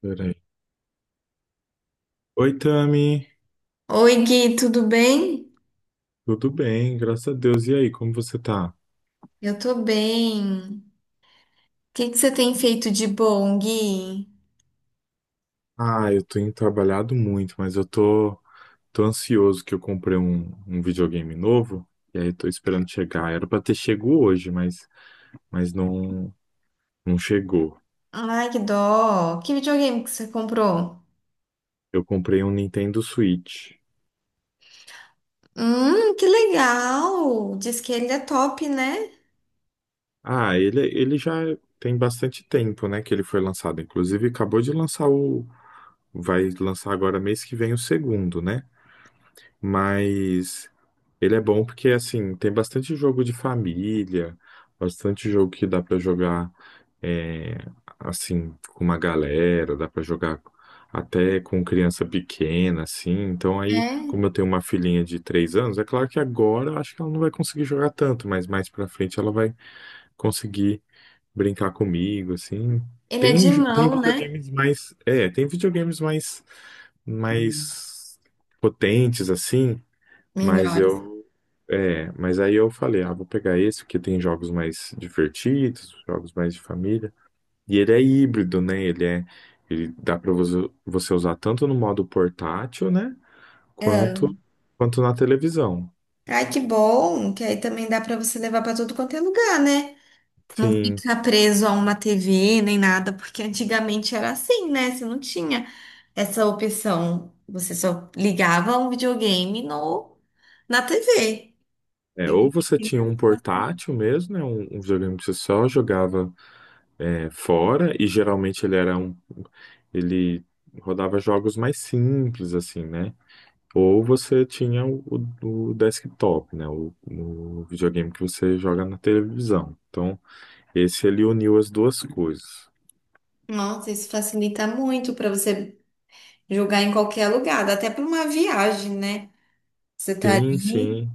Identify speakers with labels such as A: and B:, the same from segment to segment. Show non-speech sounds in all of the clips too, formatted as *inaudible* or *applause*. A: Peraí. Oi, Tami.
B: Oi, Gui, tudo bem?
A: Tudo bem? Graças a Deus. E aí, como você tá?
B: Eu tô bem. O que que você tem feito de bom, Gui?
A: Ah, eu tenho trabalhado muito, mas tô ansioso que eu comprei um videogame novo. E aí, tô esperando chegar. Era pra ter chego hoje, mas não chegou.
B: Ai, que dó. Que videogame que você comprou?
A: Eu comprei um Nintendo Switch.
B: Que legal. Diz que ele é top, né?
A: Ah, ele já tem bastante tempo, né, que ele foi lançado. Inclusive, acabou de lançar o. Vai lançar agora mês que vem o segundo, né? Mas ele é bom porque, assim, tem bastante jogo de família, bastante jogo que dá pra jogar, é, assim, com uma galera, dá pra jogar até com criança pequena, assim. Então, aí,
B: É.
A: como eu tenho uma filhinha de 3 anos, é claro que agora eu acho que ela não vai conseguir jogar tanto, mas mais pra frente ela vai conseguir brincar comigo, assim.
B: Ele é
A: Tem,
B: de
A: tem
B: mão, né?
A: videogames mais. É, tem videogames mais mais potentes, assim. Mas
B: Melhores.
A: eu, mas aí eu falei, ah, vou pegar esse, porque tem jogos mais divertidos, jogos mais de família. E ele é híbrido, né? Ele dá para você usar tanto no modo portátil, né? Quanto,
B: Ah,
A: quanto na televisão.
B: Ai, que bom. Que aí também dá pra você levar pra tudo quanto é lugar, né? Não
A: Sim.
B: fica preso a uma TV nem nada, porque antigamente era assim, né? Você não tinha essa opção. Você só ligava um videogame no na TV.
A: É, ou você tinha um portátil mesmo, né? Um videogame que você só jogava fora, e geralmente ele rodava jogos mais simples, assim, né? Ou você tinha o desktop, né? O videogame que você joga na televisão. Então, esse ele uniu as duas coisas.
B: Nossa, isso facilita muito para você jogar em qualquer lugar, dá até para uma viagem, né? Você tá ali,
A: Sim.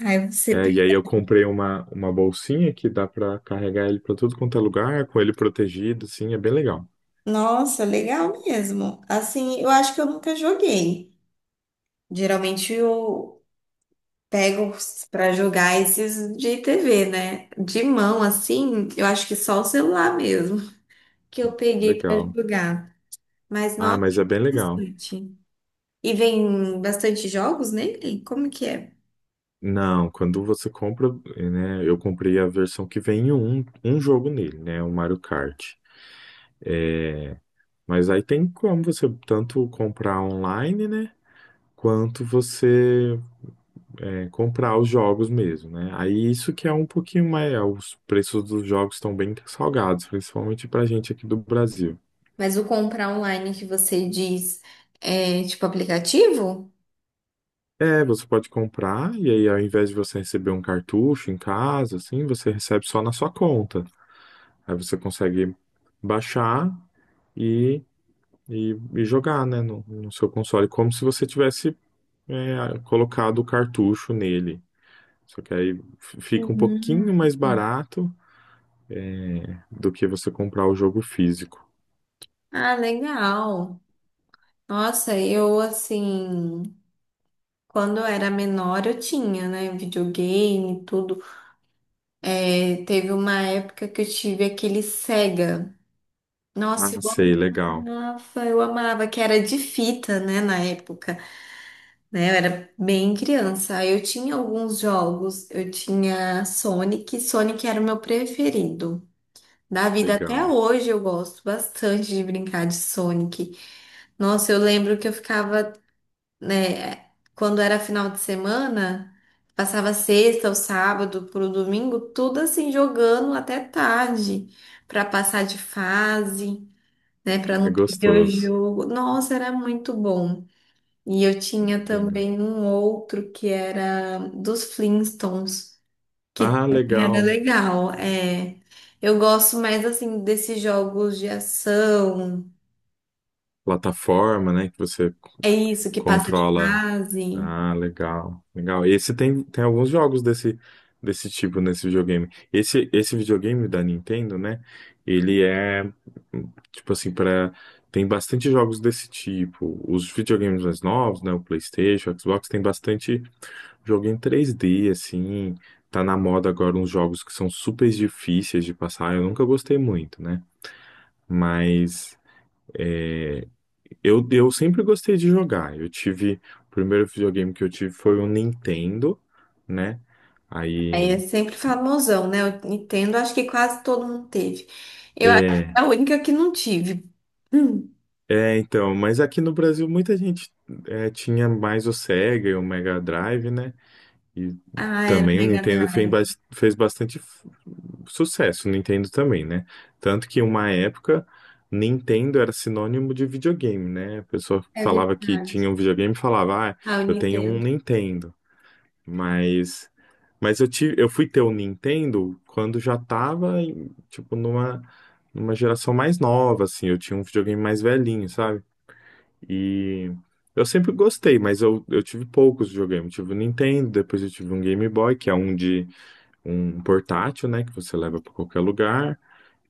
B: aí você.
A: É, e aí
B: Pega.
A: eu comprei uma bolsinha que dá para carregar ele para tudo quanto é lugar, com ele protegido, sim, é bem legal.
B: Nossa, legal mesmo. Assim, eu acho que eu nunca joguei. Geralmente eu pego para jogar esses de TV, né? De mão, assim, eu acho que só o celular mesmo que eu peguei para
A: Legal.
B: jogar. Mas
A: Ah,
B: nossa,
A: mas é bem legal.
B: interessante. E vem bastante jogos nele? Como que é?
A: Não, quando você compra, né? Eu comprei a versão que vem um jogo nele, né? O Mario Kart. É, mas aí tem como você tanto comprar online, né? Quanto você comprar os jogos mesmo, né? Aí isso que é um pouquinho mais. Os preços dos jogos estão bem salgados, principalmente pra gente aqui do Brasil.
B: Mas o comprar online que você diz é tipo aplicativo?
A: É, você pode comprar e aí ao invés de você receber um cartucho em casa, assim, você recebe só na sua conta. Aí você consegue baixar e, e jogar, né, no seu console, como se você tivesse colocado o cartucho nele. Só que aí fica um
B: Uhum.
A: pouquinho mais barato do que você comprar o jogo físico.
B: Ah, legal. Nossa, eu assim, quando eu era menor eu tinha, né, videogame, e tudo. É, teve uma época que eu tive aquele Sega.
A: Ah,
B: Nossa,
A: sei, legal,
B: eu amava, que era de fita, né, na época, né? Eu era bem criança. Aí eu tinha alguns jogos, eu tinha Sonic, Sonic era o meu preferido. Da vida até
A: legal.
B: hoje eu gosto bastante de brincar de Sonic. Nossa, eu lembro que eu ficava, né, quando era final de semana, passava sexta ou sábado pro domingo, tudo assim jogando até tarde, pra passar de fase, né, pra
A: Ah, é
B: não perder o
A: gostoso,
B: jogo. Nossa, era muito bom. E eu
A: muito
B: tinha
A: legal.
B: também um outro que era dos Flintstones. Que
A: Ah,
B: era
A: legal.
B: legal, é. Eu gosto mais assim desses jogos de ação.
A: Plataforma, né?
B: É isso que passa de
A: Controla.
B: fase.
A: Ah, legal, legal. Esse tem, tem alguns jogos desse tipo nesse videogame. Esse videogame da Nintendo, né? Ele é tipo assim para tem bastante jogos desse tipo. Os videogames mais novos, né? O PlayStation, o Xbox tem bastante jogo em 3D, assim. Tá na moda agora uns jogos que são super difíceis de passar. Eu nunca gostei muito, né? Mas é, eu sempre gostei de jogar. Eu tive. O primeiro videogame que eu tive foi o Nintendo, né?
B: Aí
A: Aí.
B: é sempre famosão, né? Eu Nintendo, acho que quase todo mundo teve. Eu acho que
A: É,
B: é a única que não tive. *clears throat* Hum.
A: então. Mas aqui no Brasil muita gente tinha mais o Sega e o Mega Drive, né? E
B: Ah, era o
A: também o
B: Mega
A: Nintendo fez,
B: Drive.
A: fez bastante sucesso, o Nintendo também, né? Tanto que uma época. Nintendo era sinônimo de videogame, né? A pessoa
B: É
A: falava que
B: verdade.
A: tinha um videogame e falava, ah,
B: Ah, o
A: eu tenho um
B: Nintendo.
A: Nintendo. Mas Mas eu tive, eu fui ter o Nintendo quando já tava, em, tipo, numa geração mais nova, assim. Eu tinha um videogame mais velhinho, sabe? E eu sempre gostei, mas eu tive poucos videogames. Eu tive o Nintendo, depois eu tive um Game Boy, que é um de um portátil, né? Que você leva pra qualquer lugar.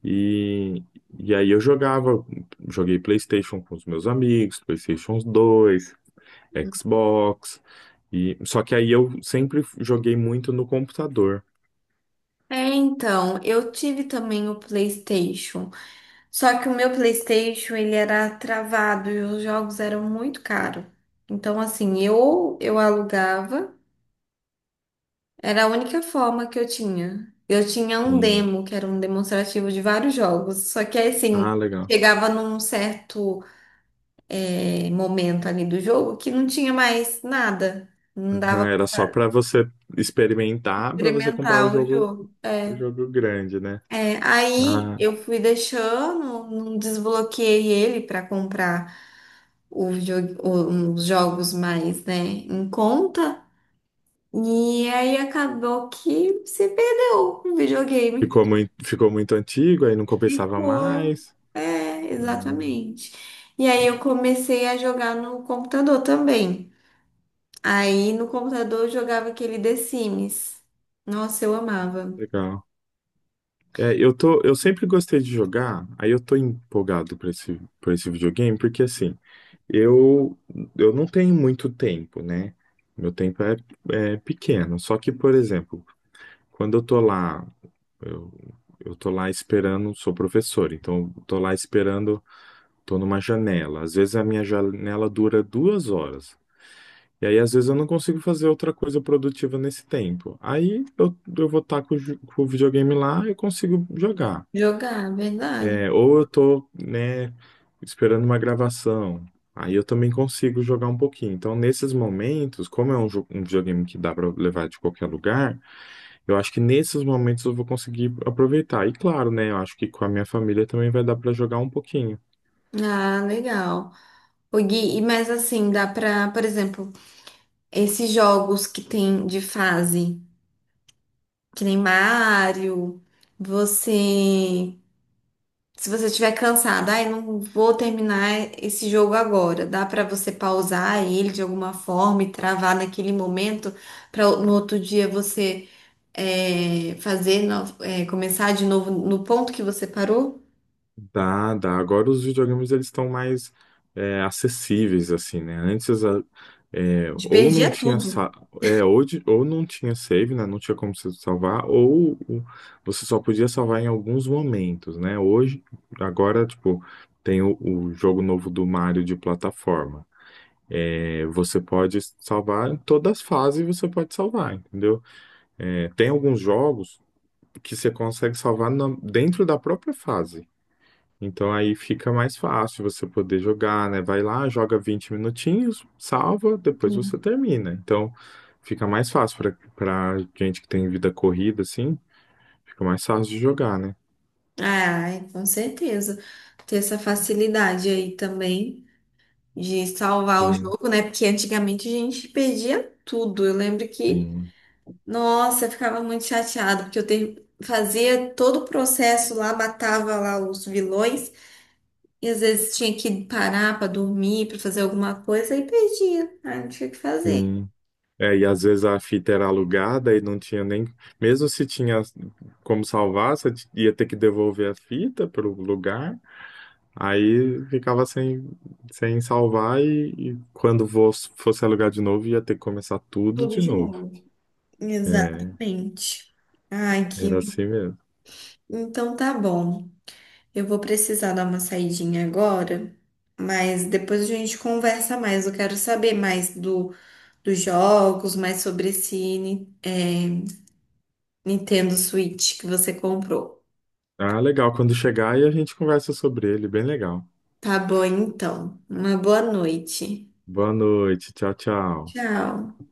A: E, e aí eu jogava, joguei PlayStation com os meus amigos, PlayStation 2, Xbox. E, só que aí eu sempre joguei muito no computador.
B: É, então, eu tive também o PlayStation. Só que o meu PlayStation, ele era travado e os jogos eram muito caros. Então, assim, eu alugava, era a única forma que eu tinha. Eu tinha um demo, que era um demonstrativo de vários jogos. Só que, assim,
A: Ah, legal.
B: chegava num certo momento ali do jogo que não tinha mais nada. Não
A: Aham,
B: dava
A: era só
B: pra
A: pra você experimentar, pra você comprar
B: experimentar o jogo.
A: o
B: É.
A: jogo grande, né?
B: É, aí
A: Ah,
B: eu fui deixando, não desbloqueei ele para comprar os jogos mais, né, em conta. E aí acabou que se perdeu o videogame.
A: ficou muito antigo, aí não compensava
B: Ficou.
A: mais.
B: É,
A: Ah,
B: exatamente. E aí eu comecei a jogar no computador também. Aí no computador eu jogava aquele The Sims. Nossa, eu amava
A: legal. É, eu tô, eu sempre gostei de jogar, aí eu tô empolgado pra esse videogame, porque assim, eu, eu não tenho muito tempo, né? Meu tempo é, é pequeno. Só que, por exemplo, quando eu tô lá, eu, eu tô lá esperando, sou professor, então eu tô lá esperando. Tô numa janela. Às vezes a minha janela dura 2 horas. E aí, às vezes, eu não consigo fazer outra coisa produtiva nesse tempo. Eu vou estar com, o com o videogame lá e consigo jogar.
B: jogar, verdade.
A: É, ou eu tô, né, esperando uma gravação. Aí eu também consigo jogar um pouquinho. Então, nesses momentos, como é um, um videogame que dá para levar de qualquer lugar, eu acho que nesses momentos eu vou conseguir aproveitar. E claro, né, eu acho que com a minha família também vai dar para jogar um pouquinho.
B: Ah, legal. O Gui, mas assim, dá pra, por exemplo, esses jogos que tem de fase. Que nem Mário. Você. Se você estiver cansado, ai, não vou terminar esse jogo agora. Dá pra você pausar ele de alguma forma e travar naquele momento para no outro dia você é, fazer, no- é, começar de novo no ponto que você parou?
A: Dá, dá. Agora os videogames eles estão mais acessíveis, assim, né?
B: Te
A: Ou não
B: perdia
A: tinha
B: tudo.
A: ou, ou não tinha save, né? Não tinha como você salvar, você só podia salvar em alguns momentos, né? Hoje, agora, tipo, tem o jogo novo do Mario de plataforma. É, você pode salvar em todas as fases, você pode salvar, entendeu? É, tem alguns jogos que você consegue salvar dentro da própria fase. Então aí fica mais fácil você poder jogar, né? Vai lá, joga 20 minutinhos, salva, depois você termina. Então fica mais fácil para para gente que tem vida corrida, assim, fica mais fácil de jogar, né?
B: Ai, com certeza. Ter essa facilidade aí também de salvar o
A: Sim,
B: jogo, né? Porque antigamente a gente perdia tudo. Eu lembro que
A: sim,
B: nossa, eu ficava muito chateada, porque fazia todo o processo lá, matava lá os vilões, e às vezes tinha que parar para dormir, para fazer alguma coisa, e perdia. Ai, não tinha o que fazer.
A: sim. É, e às vezes a fita era alugada e não tinha nem. Mesmo se tinha como salvar, você ia ter que devolver a fita para o lugar. Aí ficava sem salvar e quando fosse alugar de novo, ia ter que começar tudo
B: Tudo
A: de
B: de
A: novo.
B: novo. Exatamente. Ai,
A: Era
B: que...
A: assim mesmo.
B: Então tá bom. Eu vou precisar dar uma saidinha agora, mas depois a gente conversa mais. Eu quero saber mais do, dos jogos, mais sobre esse, Nintendo Switch que você comprou.
A: Ah, legal. Quando chegar aí a gente conversa sobre ele. Bem legal.
B: Tá bom, então. Uma boa noite.
A: Boa noite. Tchau, tchau.
B: Tchau.